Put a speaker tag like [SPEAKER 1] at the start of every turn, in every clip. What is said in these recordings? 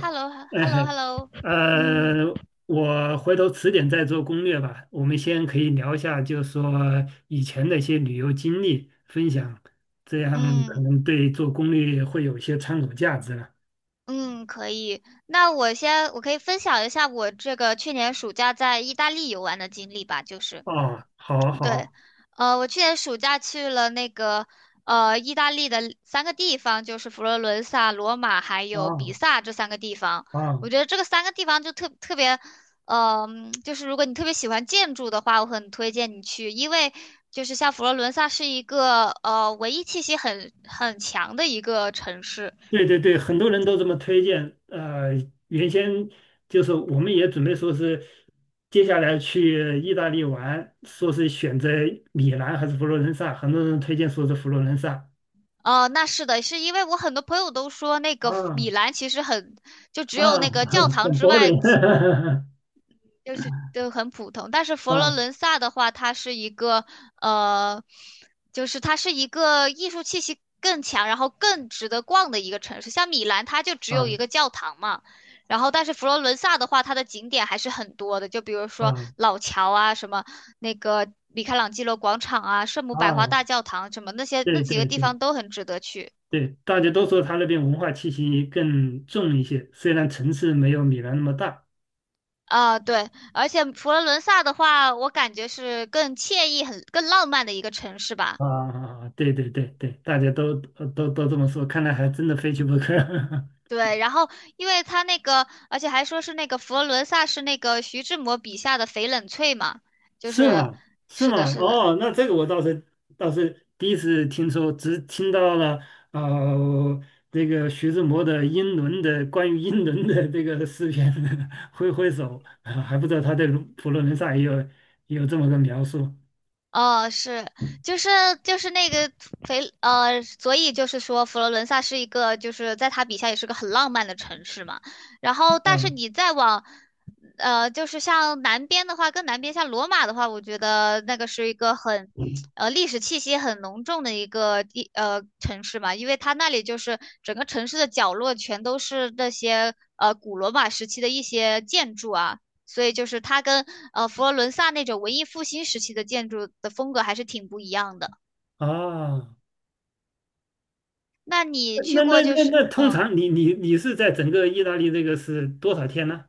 [SPEAKER 1] h e l l o h
[SPEAKER 2] 哎
[SPEAKER 1] e l l o h
[SPEAKER 2] 嘿，
[SPEAKER 1] e l l o 嗯，
[SPEAKER 2] 呃，我回头迟点再做攻略吧。我们先可以聊一下，就是说以前的一些旅游经历分享，这样可
[SPEAKER 1] 嗯
[SPEAKER 2] 能对做攻略会有一些参考价值了。
[SPEAKER 1] 嗯，可以。那我先，我可以分享一下我这个去年暑假在意大利游玩的经历吧，就是。
[SPEAKER 2] 哦，好
[SPEAKER 1] 对，
[SPEAKER 2] 好
[SPEAKER 1] 我去年暑假去了那个意大利的三个地方，就是佛罗伦萨、罗马还有比
[SPEAKER 2] 啊
[SPEAKER 1] 萨这三个地方。我
[SPEAKER 2] 啊，
[SPEAKER 1] 觉得这个三个地方就特别，就是如果你特别喜欢建筑的话，我很推荐你去，因为就是像佛罗伦萨是一个文艺气息很强的一个城市。
[SPEAKER 2] 对对对，很多人都这么推荐。原先就是我们也准备说是接下来去意大利玩，说是选择米兰还是佛罗伦萨，很多人推荐说是佛罗伦萨。
[SPEAKER 1] 那是的，是因为我很多朋友都说那个
[SPEAKER 2] 啊
[SPEAKER 1] 米兰其实很，就只有
[SPEAKER 2] 啊，
[SPEAKER 1] 那个教
[SPEAKER 2] 很
[SPEAKER 1] 堂之外。
[SPEAKER 2] boring，
[SPEAKER 1] 就是都很普通，但是佛罗伦
[SPEAKER 2] 啊
[SPEAKER 1] 萨的话，它是一个呃，就是它是一个艺术气息更强，然后更值得逛的一个城市。像米兰，它就只有一个
[SPEAKER 2] 啊
[SPEAKER 1] 教堂嘛，然后但是佛罗伦萨的话，它的景点还是很多的，就比如说
[SPEAKER 2] 啊
[SPEAKER 1] 老桥啊，什么那个米开朗基罗广场啊，圣母百花
[SPEAKER 2] 啊，
[SPEAKER 1] 大教堂什么那些那
[SPEAKER 2] 对
[SPEAKER 1] 几个
[SPEAKER 2] 对
[SPEAKER 1] 地
[SPEAKER 2] 对
[SPEAKER 1] 方都很值得去。
[SPEAKER 2] 对，大家都说他那边文化气息更重一些，虽然城市没有米兰那么大。
[SPEAKER 1] 啊，对，而且佛罗伦萨的话，我感觉是更惬意、很更浪漫的一个城市吧。
[SPEAKER 2] 啊，对对对对，大家都这么说，看来还真的非去不可。
[SPEAKER 1] 对，然后因为他那个，而且还说是那个佛罗伦萨是那个徐志摩笔下的翡冷翠嘛，就
[SPEAKER 2] 是
[SPEAKER 1] 是，
[SPEAKER 2] 吗？是
[SPEAKER 1] 是的，
[SPEAKER 2] 吗？
[SPEAKER 1] 是的，
[SPEAKER 2] 哦，那这个我倒是第一次听说，只听到了呃这个徐志摩的英伦的关于英伦的这个诗篇，挥挥手，啊还不知道他对卢佛罗伦萨也有这么个描述。
[SPEAKER 1] 哦，是，就是就是那个所以就是说佛罗伦萨是一个，就是在他笔下也是个很浪漫的城市嘛。然后，但是
[SPEAKER 2] 啊
[SPEAKER 1] 你再往就是像南边的话，更南边像罗马的话，我觉得那个是一个很历史气息很浓重的一个城市嘛，因为它那里就是整个城市的角落全都是那些古罗马时期的一些建筑啊。所以就是它跟佛罗伦萨那种文艺复兴时期的建筑的风格还是挺不一样的。
[SPEAKER 2] 啊。
[SPEAKER 1] 那你去
[SPEAKER 2] 那
[SPEAKER 1] 过
[SPEAKER 2] 那
[SPEAKER 1] 就
[SPEAKER 2] 那
[SPEAKER 1] 是
[SPEAKER 2] 那通
[SPEAKER 1] 嗯，
[SPEAKER 2] 常你是在整个意大利这个是多少天呢？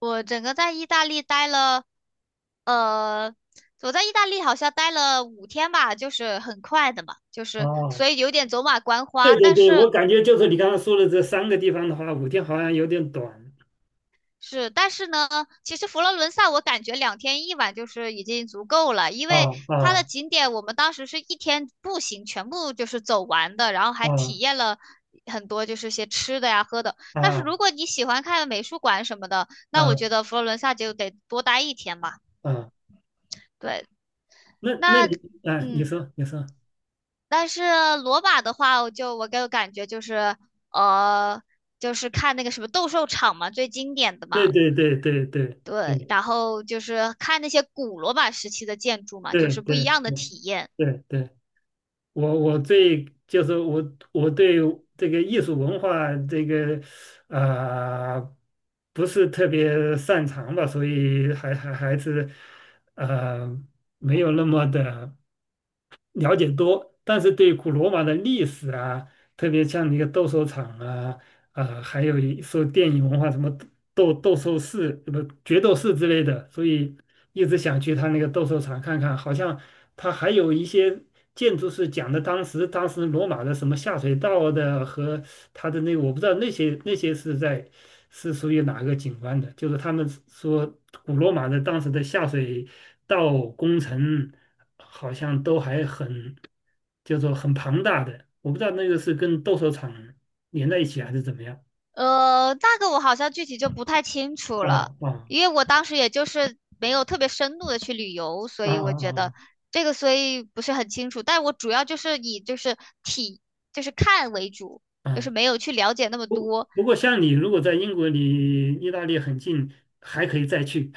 [SPEAKER 1] 我整个在意大利待了呃，我在意大利好像待了五天吧，就是很快的嘛，就是
[SPEAKER 2] 哦，
[SPEAKER 1] 所以有点走马观
[SPEAKER 2] 对
[SPEAKER 1] 花，
[SPEAKER 2] 对
[SPEAKER 1] 但
[SPEAKER 2] 对，我
[SPEAKER 1] 是
[SPEAKER 2] 感觉就是你刚刚说的这三个地方的话，5天好像有点短。
[SPEAKER 1] 是，但是呢，其实佛罗伦萨我感觉两天一晚就是已经足够了，因
[SPEAKER 2] 啊
[SPEAKER 1] 为它的
[SPEAKER 2] 啊
[SPEAKER 1] 景点我们当时是一天步行全部就是走完的，然后还体
[SPEAKER 2] 啊！
[SPEAKER 1] 验了很多就是些吃的呀、喝的。但是
[SPEAKER 2] 啊
[SPEAKER 1] 如果你喜欢看美术馆什么的，那我
[SPEAKER 2] 啊
[SPEAKER 1] 觉得佛罗伦萨就得多待一天嘛。
[SPEAKER 2] 啊！
[SPEAKER 1] 对，
[SPEAKER 2] 那那
[SPEAKER 1] 那
[SPEAKER 2] 你啊，你
[SPEAKER 1] 嗯，
[SPEAKER 2] 说你说，
[SPEAKER 1] 但是罗马的话，我给我感觉就是呃，就是看那个什么斗兽场嘛，最经典的
[SPEAKER 2] 对
[SPEAKER 1] 嘛。
[SPEAKER 2] 对对对对
[SPEAKER 1] 对，
[SPEAKER 2] 对
[SPEAKER 1] 然后就是看那些古罗马时期的建筑嘛，就
[SPEAKER 2] 对
[SPEAKER 1] 是不一
[SPEAKER 2] 对
[SPEAKER 1] 样的
[SPEAKER 2] 对
[SPEAKER 1] 体验。
[SPEAKER 2] 对对，我我最就是我我对这个艺术文化这个呃不是特别擅长吧，所以还是呃没有那么的了解多，但是对古罗马的历史啊，特别像那个斗兽场啊，啊、还有一说电影文化什么斗斗兽士、不决斗士之类的，所以一直想去他那个斗兽场看看。好像他还有一些建筑是讲的当时罗马的什么下水道的和他的那个，我不知道那些是属于哪个景观的？就是他们说古罗马的当时的下水道工程好像都还很，就是说很庞大的，我不知道那个是跟斗兽场连在一起还是怎么样。
[SPEAKER 1] 那个我好像具体就不太清楚了，
[SPEAKER 2] 啊啊
[SPEAKER 1] 因为我当时也就是没有特别深度的去旅游，所
[SPEAKER 2] 啊
[SPEAKER 1] 以我觉得
[SPEAKER 2] 啊
[SPEAKER 1] 这个所以不是很清楚。但我主要就是以就是体就是看为主，
[SPEAKER 2] 啊
[SPEAKER 1] 就是
[SPEAKER 2] 啊！
[SPEAKER 1] 没有去了解那么
[SPEAKER 2] 不
[SPEAKER 1] 多。
[SPEAKER 2] 不过像你如果在英国离意大利很近，还可以再去。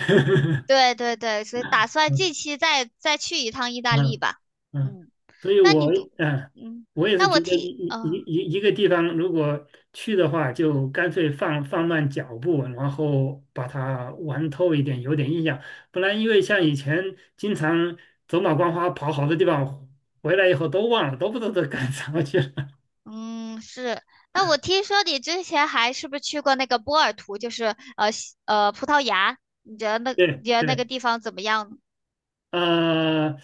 [SPEAKER 1] 对对对，所以打算
[SPEAKER 2] 嗯
[SPEAKER 1] 近期再去一趟意大利
[SPEAKER 2] 嗯
[SPEAKER 1] 吧。
[SPEAKER 2] 嗯，
[SPEAKER 1] 嗯，
[SPEAKER 2] 所以
[SPEAKER 1] 那你
[SPEAKER 2] 我，
[SPEAKER 1] 读，
[SPEAKER 2] 嗯，
[SPEAKER 1] 嗯，
[SPEAKER 2] 我也是
[SPEAKER 1] 那
[SPEAKER 2] 觉
[SPEAKER 1] 我
[SPEAKER 2] 得
[SPEAKER 1] 听，
[SPEAKER 2] 一一一
[SPEAKER 1] 嗯、
[SPEAKER 2] 一一个地方如果去的话，就干脆放慢脚步，然后把它玩透一点，有点印象。不然，因为像以前经常走马观花跑好多地方，回来以后都忘了，都不知道都干什么去了。
[SPEAKER 1] 嗯，是。那我听说你之前还是不是去过那个波尔图，就是呃西呃葡萄牙？你觉得那
[SPEAKER 2] 对
[SPEAKER 1] 你觉得那个
[SPEAKER 2] 对。
[SPEAKER 1] 地方怎么样呢
[SPEAKER 2] 呃，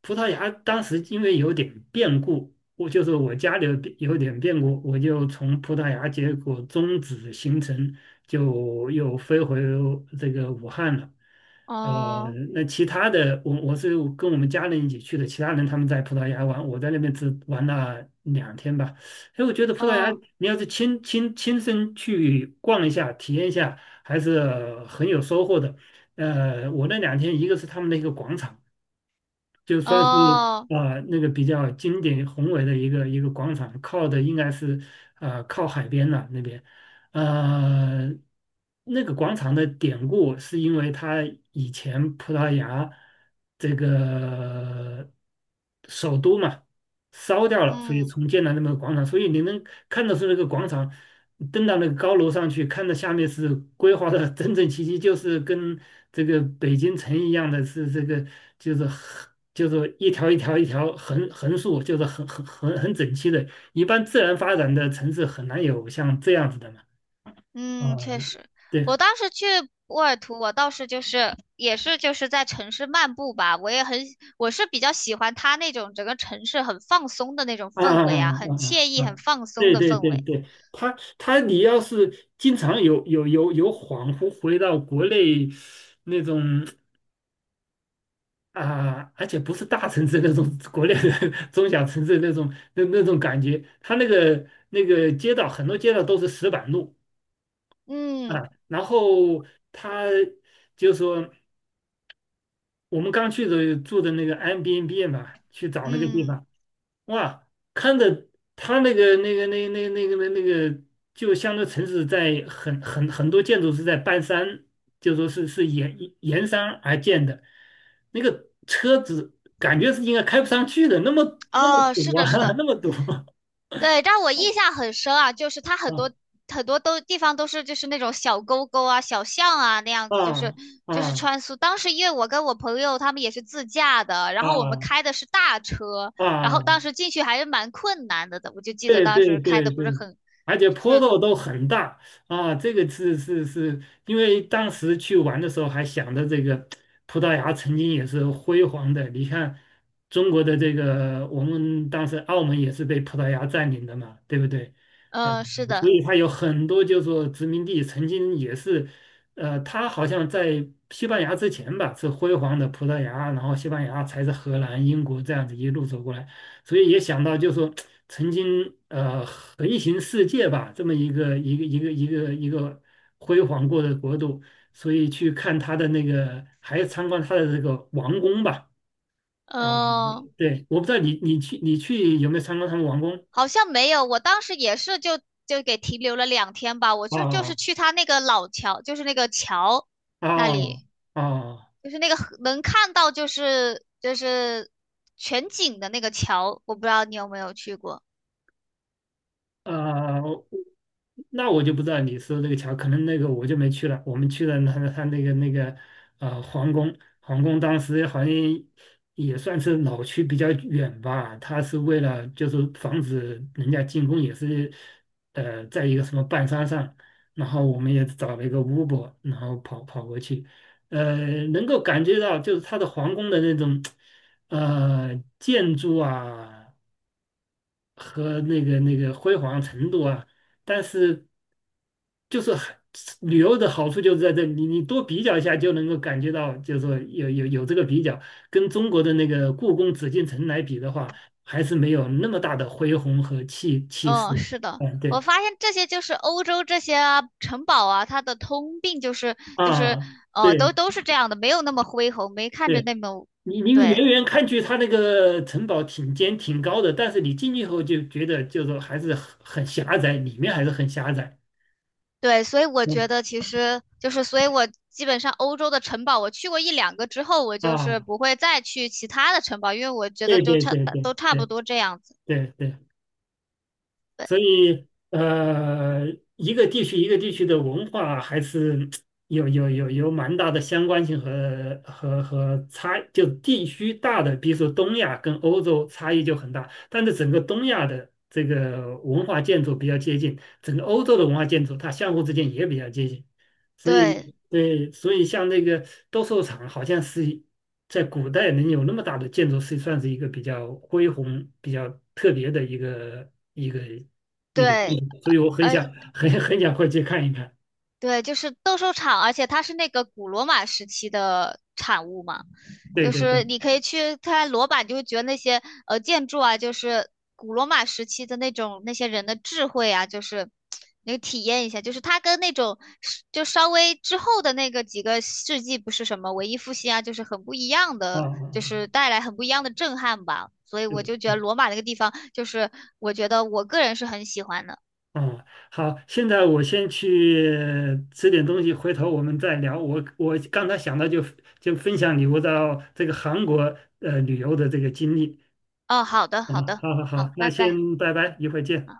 [SPEAKER 2] 葡萄牙当时因为有点变故，我就是我家里有点变故，我就从葡萄牙结果终止行程，就又飞回这个武汉了。呃，
[SPEAKER 1] 哦
[SPEAKER 2] 那其他的，我是跟我们家人一起去的，其他人他们在葡萄牙玩，我在那边只玩了两天吧。哎，我觉得葡萄牙，
[SPEAKER 1] 哦
[SPEAKER 2] 你要是亲身去逛一下、体验一下，还是很有收获的。我那两天一个是他们的一个广场。就算是
[SPEAKER 1] 哦，
[SPEAKER 2] 啊、那个比较经典宏伟的一个广场，靠的应该是啊靠海边了那边，呃，那个广场的典故是因为它以前葡萄牙这个呃首都嘛。烧掉了，所以
[SPEAKER 1] 嗯
[SPEAKER 2] 重建了那么个广场，所以你能看得出那个广场，登到那个高楼上去，看到下面是规划的整整齐齐，就是跟这个北京城一样的是这个，就是横就是一条一条一条横竖，就是很整齐的。一般自然发展的城市很难有像这样子的嘛。啊，
[SPEAKER 1] 嗯，确实，
[SPEAKER 2] 对。
[SPEAKER 1] 我当时去波尔图，我倒是就是也是就是在城市漫步吧，我也很我是比较喜欢它那种整个城市很放松的那种
[SPEAKER 2] 啊
[SPEAKER 1] 氛
[SPEAKER 2] 啊啊
[SPEAKER 1] 围啊，很
[SPEAKER 2] 啊！
[SPEAKER 1] 惬意、
[SPEAKER 2] 啊！
[SPEAKER 1] 很
[SPEAKER 2] 啊，
[SPEAKER 1] 放松
[SPEAKER 2] 对
[SPEAKER 1] 的
[SPEAKER 2] 对
[SPEAKER 1] 氛
[SPEAKER 2] 对
[SPEAKER 1] 围。
[SPEAKER 2] 对，他你要是经常有恍惚回到国内那种啊，而且不是大城市那种国内的 中小城市那种那种感觉，他那个街道很多街道都是石板路
[SPEAKER 1] 嗯
[SPEAKER 2] 啊，然后他就说我们刚去的住的那个 Airbnb 嘛，去找那个地
[SPEAKER 1] 嗯，
[SPEAKER 2] 方。哇，看着它那个，就相当于城市在很多建筑是在半山，就说是沿山而建的，那个车子感觉是应该开不上去的，那么
[SPEAKER 1] 哦，是
[SPEAKER 2] 堵
[SPEAKER 1] 的，
[SPEAKER 2] 啊，
[SPEAKER 1] 是的，
[SPEAKER 2] 那么堵
[SPEAKER 1] 对，但我印象很深啊，就是它很多很多地方都是就是那种小沟沟啊、小巷啊那样
[SPEAKER 2] 啊
[SPEAKER 1] 子，就是
[SPEAKER 2] 啊
[SPEAKER 1] 就是
[SPEAKER 2] 啊
[SPEAKER 1] 穿梭。当时因为我跟我朋友他们也是自驾的，然后我们
[SPEAKER 2] 啊
[SPEAKER 1] 开的是大车，然
[SPEAKER 2] 啊！
[SPEAKER 1] 后当时进去还是蛮困难的，我就记得
[SPEAKER 2] 对
[SPEAKER 1] 当
[SPEAKER 2] 对
[SPEAKER 1] 时开
[SPEAKER 2] 对
[SPEAKER 1] 的不
[SPEAKER 2] 对，
[SPEAKER 1] 是很，
[SPEAKER 2] 而且坡
[SPEAKER 1] 是，
[SPEAKER 2] 度都很大啊，这个是，因为当时去玩的时候还想着这个葡萄牙曾经也是辉煌的，你看中国的这个，我们当时澳门也是被葡萄牙占领的嘛，对不对？啊，
[SPEAKER 1] 嗯是
[SPEAKER 2] 所
[SPEAKER 1] 的，
[SPEAKER 2] 以它有很多就是说殖民地曾经也是，它好像在西班牙之前吧是辉煌的葡萄牙，然后西班牙才是荷兰、英国这样子一路走过来。所以也想到，就说曾经横行世界吧，这么一个辉煌过的国度，所以去看他的那个，还参观他的这个王宫吧。啊，
[SPEAKER 1] 嗯、
[SPEAKER 2] 对，我不知道你去有没有参观他们王宫？
[SPEAKER 1] 好像没有，我当时也是就就给停留了两天吧，我就是
[SPEAKER 2] 啊
[SPEAKER 1] 去他那个老桥，就是那个桥那
[SPEAKER 2] 啊啊！
[SPEAKER 1] 里。
[SPEAKER 2] 哦哦，
[SPEAKER 1] 就是那个河能看到就是就是全景的那个桥，我不知道你有没有去过。
[SPEAKER 2] 啊、那我就不知道你说这个桥，可能那个我就没去了。我们去了他那个皇宫，皇宫当时好像也算是老区比较远吧，他是为了就是防止人家进攻，也是在一个什么半山上，然后我们也找了一个 u b 然后跑过去，呃，能够感觉到就是他的皇宫的那种建筑啊。和那个辉煌程度啊，但是就是很旅游的好处就是在这里，你多比较一下就能够感觉到，就是说有这个比较，跟中国的那个故宫紫禁城来比的话，还是没有那么大的恢宏和气气
[SPEAKER 1] 嗯，
[SPEAKER 2] 势。
[SPEAKER 1] 是的，
[SPEAKER 2] 嗯，
[SPEAKER 1] 我
[SPEAKER 2] 对
[SPEAKER 1] 发现这些就是欧洲这些啊城堡啊，它的通病就是就是
[SPEAKER 2] 啊，
[SPEAKER 1] 都
[SPEAKER 2] 对
[SPEAKER 1] 都是这样的，没有那么恢宏，没看着
[SPEAKER 2] 对，
[SPEAKER 1] 那么
[SPEAKER 2] 你
[SPEAKER 1] 对
[SPEAKER 2] 远远看去，它那个城堡挺尖挺高的，但是你进去以后就觉得就是说还是很狭窄，里面还是很狭窄。
[SPEAKER 1] 对，所以我觉
[SPEAKER 2] 嗯
[SPEAKER 1] 得其实就是，所以我基本上欧洲的城堡我去过一两个之后，我就是
[SPEAKER 2] 啊，
[SPEAKER 1] 不会再去其他的城堡，因为我觉得
[SPEAKER 2] 对
[SPEAKER 1] 就
[SPEAKER 2] 对
[SPEAKER 1] 差
[SPEAKER 2] 对对
[SPEAKER 1] 都差不
[SPEAKER 2] 对。
[SPEAKER 1] 多这样子。
[SPEAKER 2] 对对，
[SPEAKER 1] 对
[SPEAKER 2] 所以一个地区一个地区的文化还是有蛮大的相关性和差，就地区大的，比如说东亚跟欧洲差异就很大，但是整个东亚的这个文化建筑比较接近，整个欧洲的文化建筑它相互之间也比较接近，所
[SPEAKER 1] 对
[SPEAKER 2] 以对，所以像那个斗兽场好像是。在古代能有那么大的建筑，是算是一个比较恢宏、比较特别的一个。一个建
[SPEAKER 1] 对，
[SPEAKER 2] 影，所以我很
[SPEAKER 1] 而。
[SPEAKER 2] 想很很想过去看一看。
[SPEAKER 1] 对，就是斗兽场，而且它是那个古罗马时期的产物嘛，
[SPEAKER 2] 对
[SPEAKER 1] 就
[SPEAKER 2] 对
[SPEAKER 1] 是
[SPEAKER 2] 对，
[SPEAKER 1] 你可以去看罗马，你就会觉得那些建筑啊，就是古罗马时期的那种那些人的智慧啊，就是你体验一下，就是它跟那种是就稍微之后的那个几个世纪不是什么文艺复兴啊，就是很不一样
[SPEAKER 2] 啊啊
[SPEAKER 1] 的，就
[SPEAKER 2] 啊，
[SPEAKER 1] 是带来很不一样的震撼吧。所以我
[SPEAKER 2] 对，
[SPEAKER 1] 就觉得
[SPEAKER 2] 嗯
[SPEAKER 1] 罗马那个地方，就是我觉得我个人是很喜欢的。
[SPEAKER 2] 啊，好，现在我先去吃点东西，回头我们再聊。我刚才想到就分享你我到这个韩国旅游的这个经历，
[SPEAKER 1] 哦，好的，
[SPEAKER 2] 好
[SPEAKER 1] 好
[SPEAKER 2] 吗？
[SPEAKER 1] 的，
[SPEAKER 2] 好好
[SPEAKER 1] 好，
[SPEAKER 2] 好，那
[SPEAKER 1] 拜拜。
[SPEAKER 2] 先拜拜，一会儿见。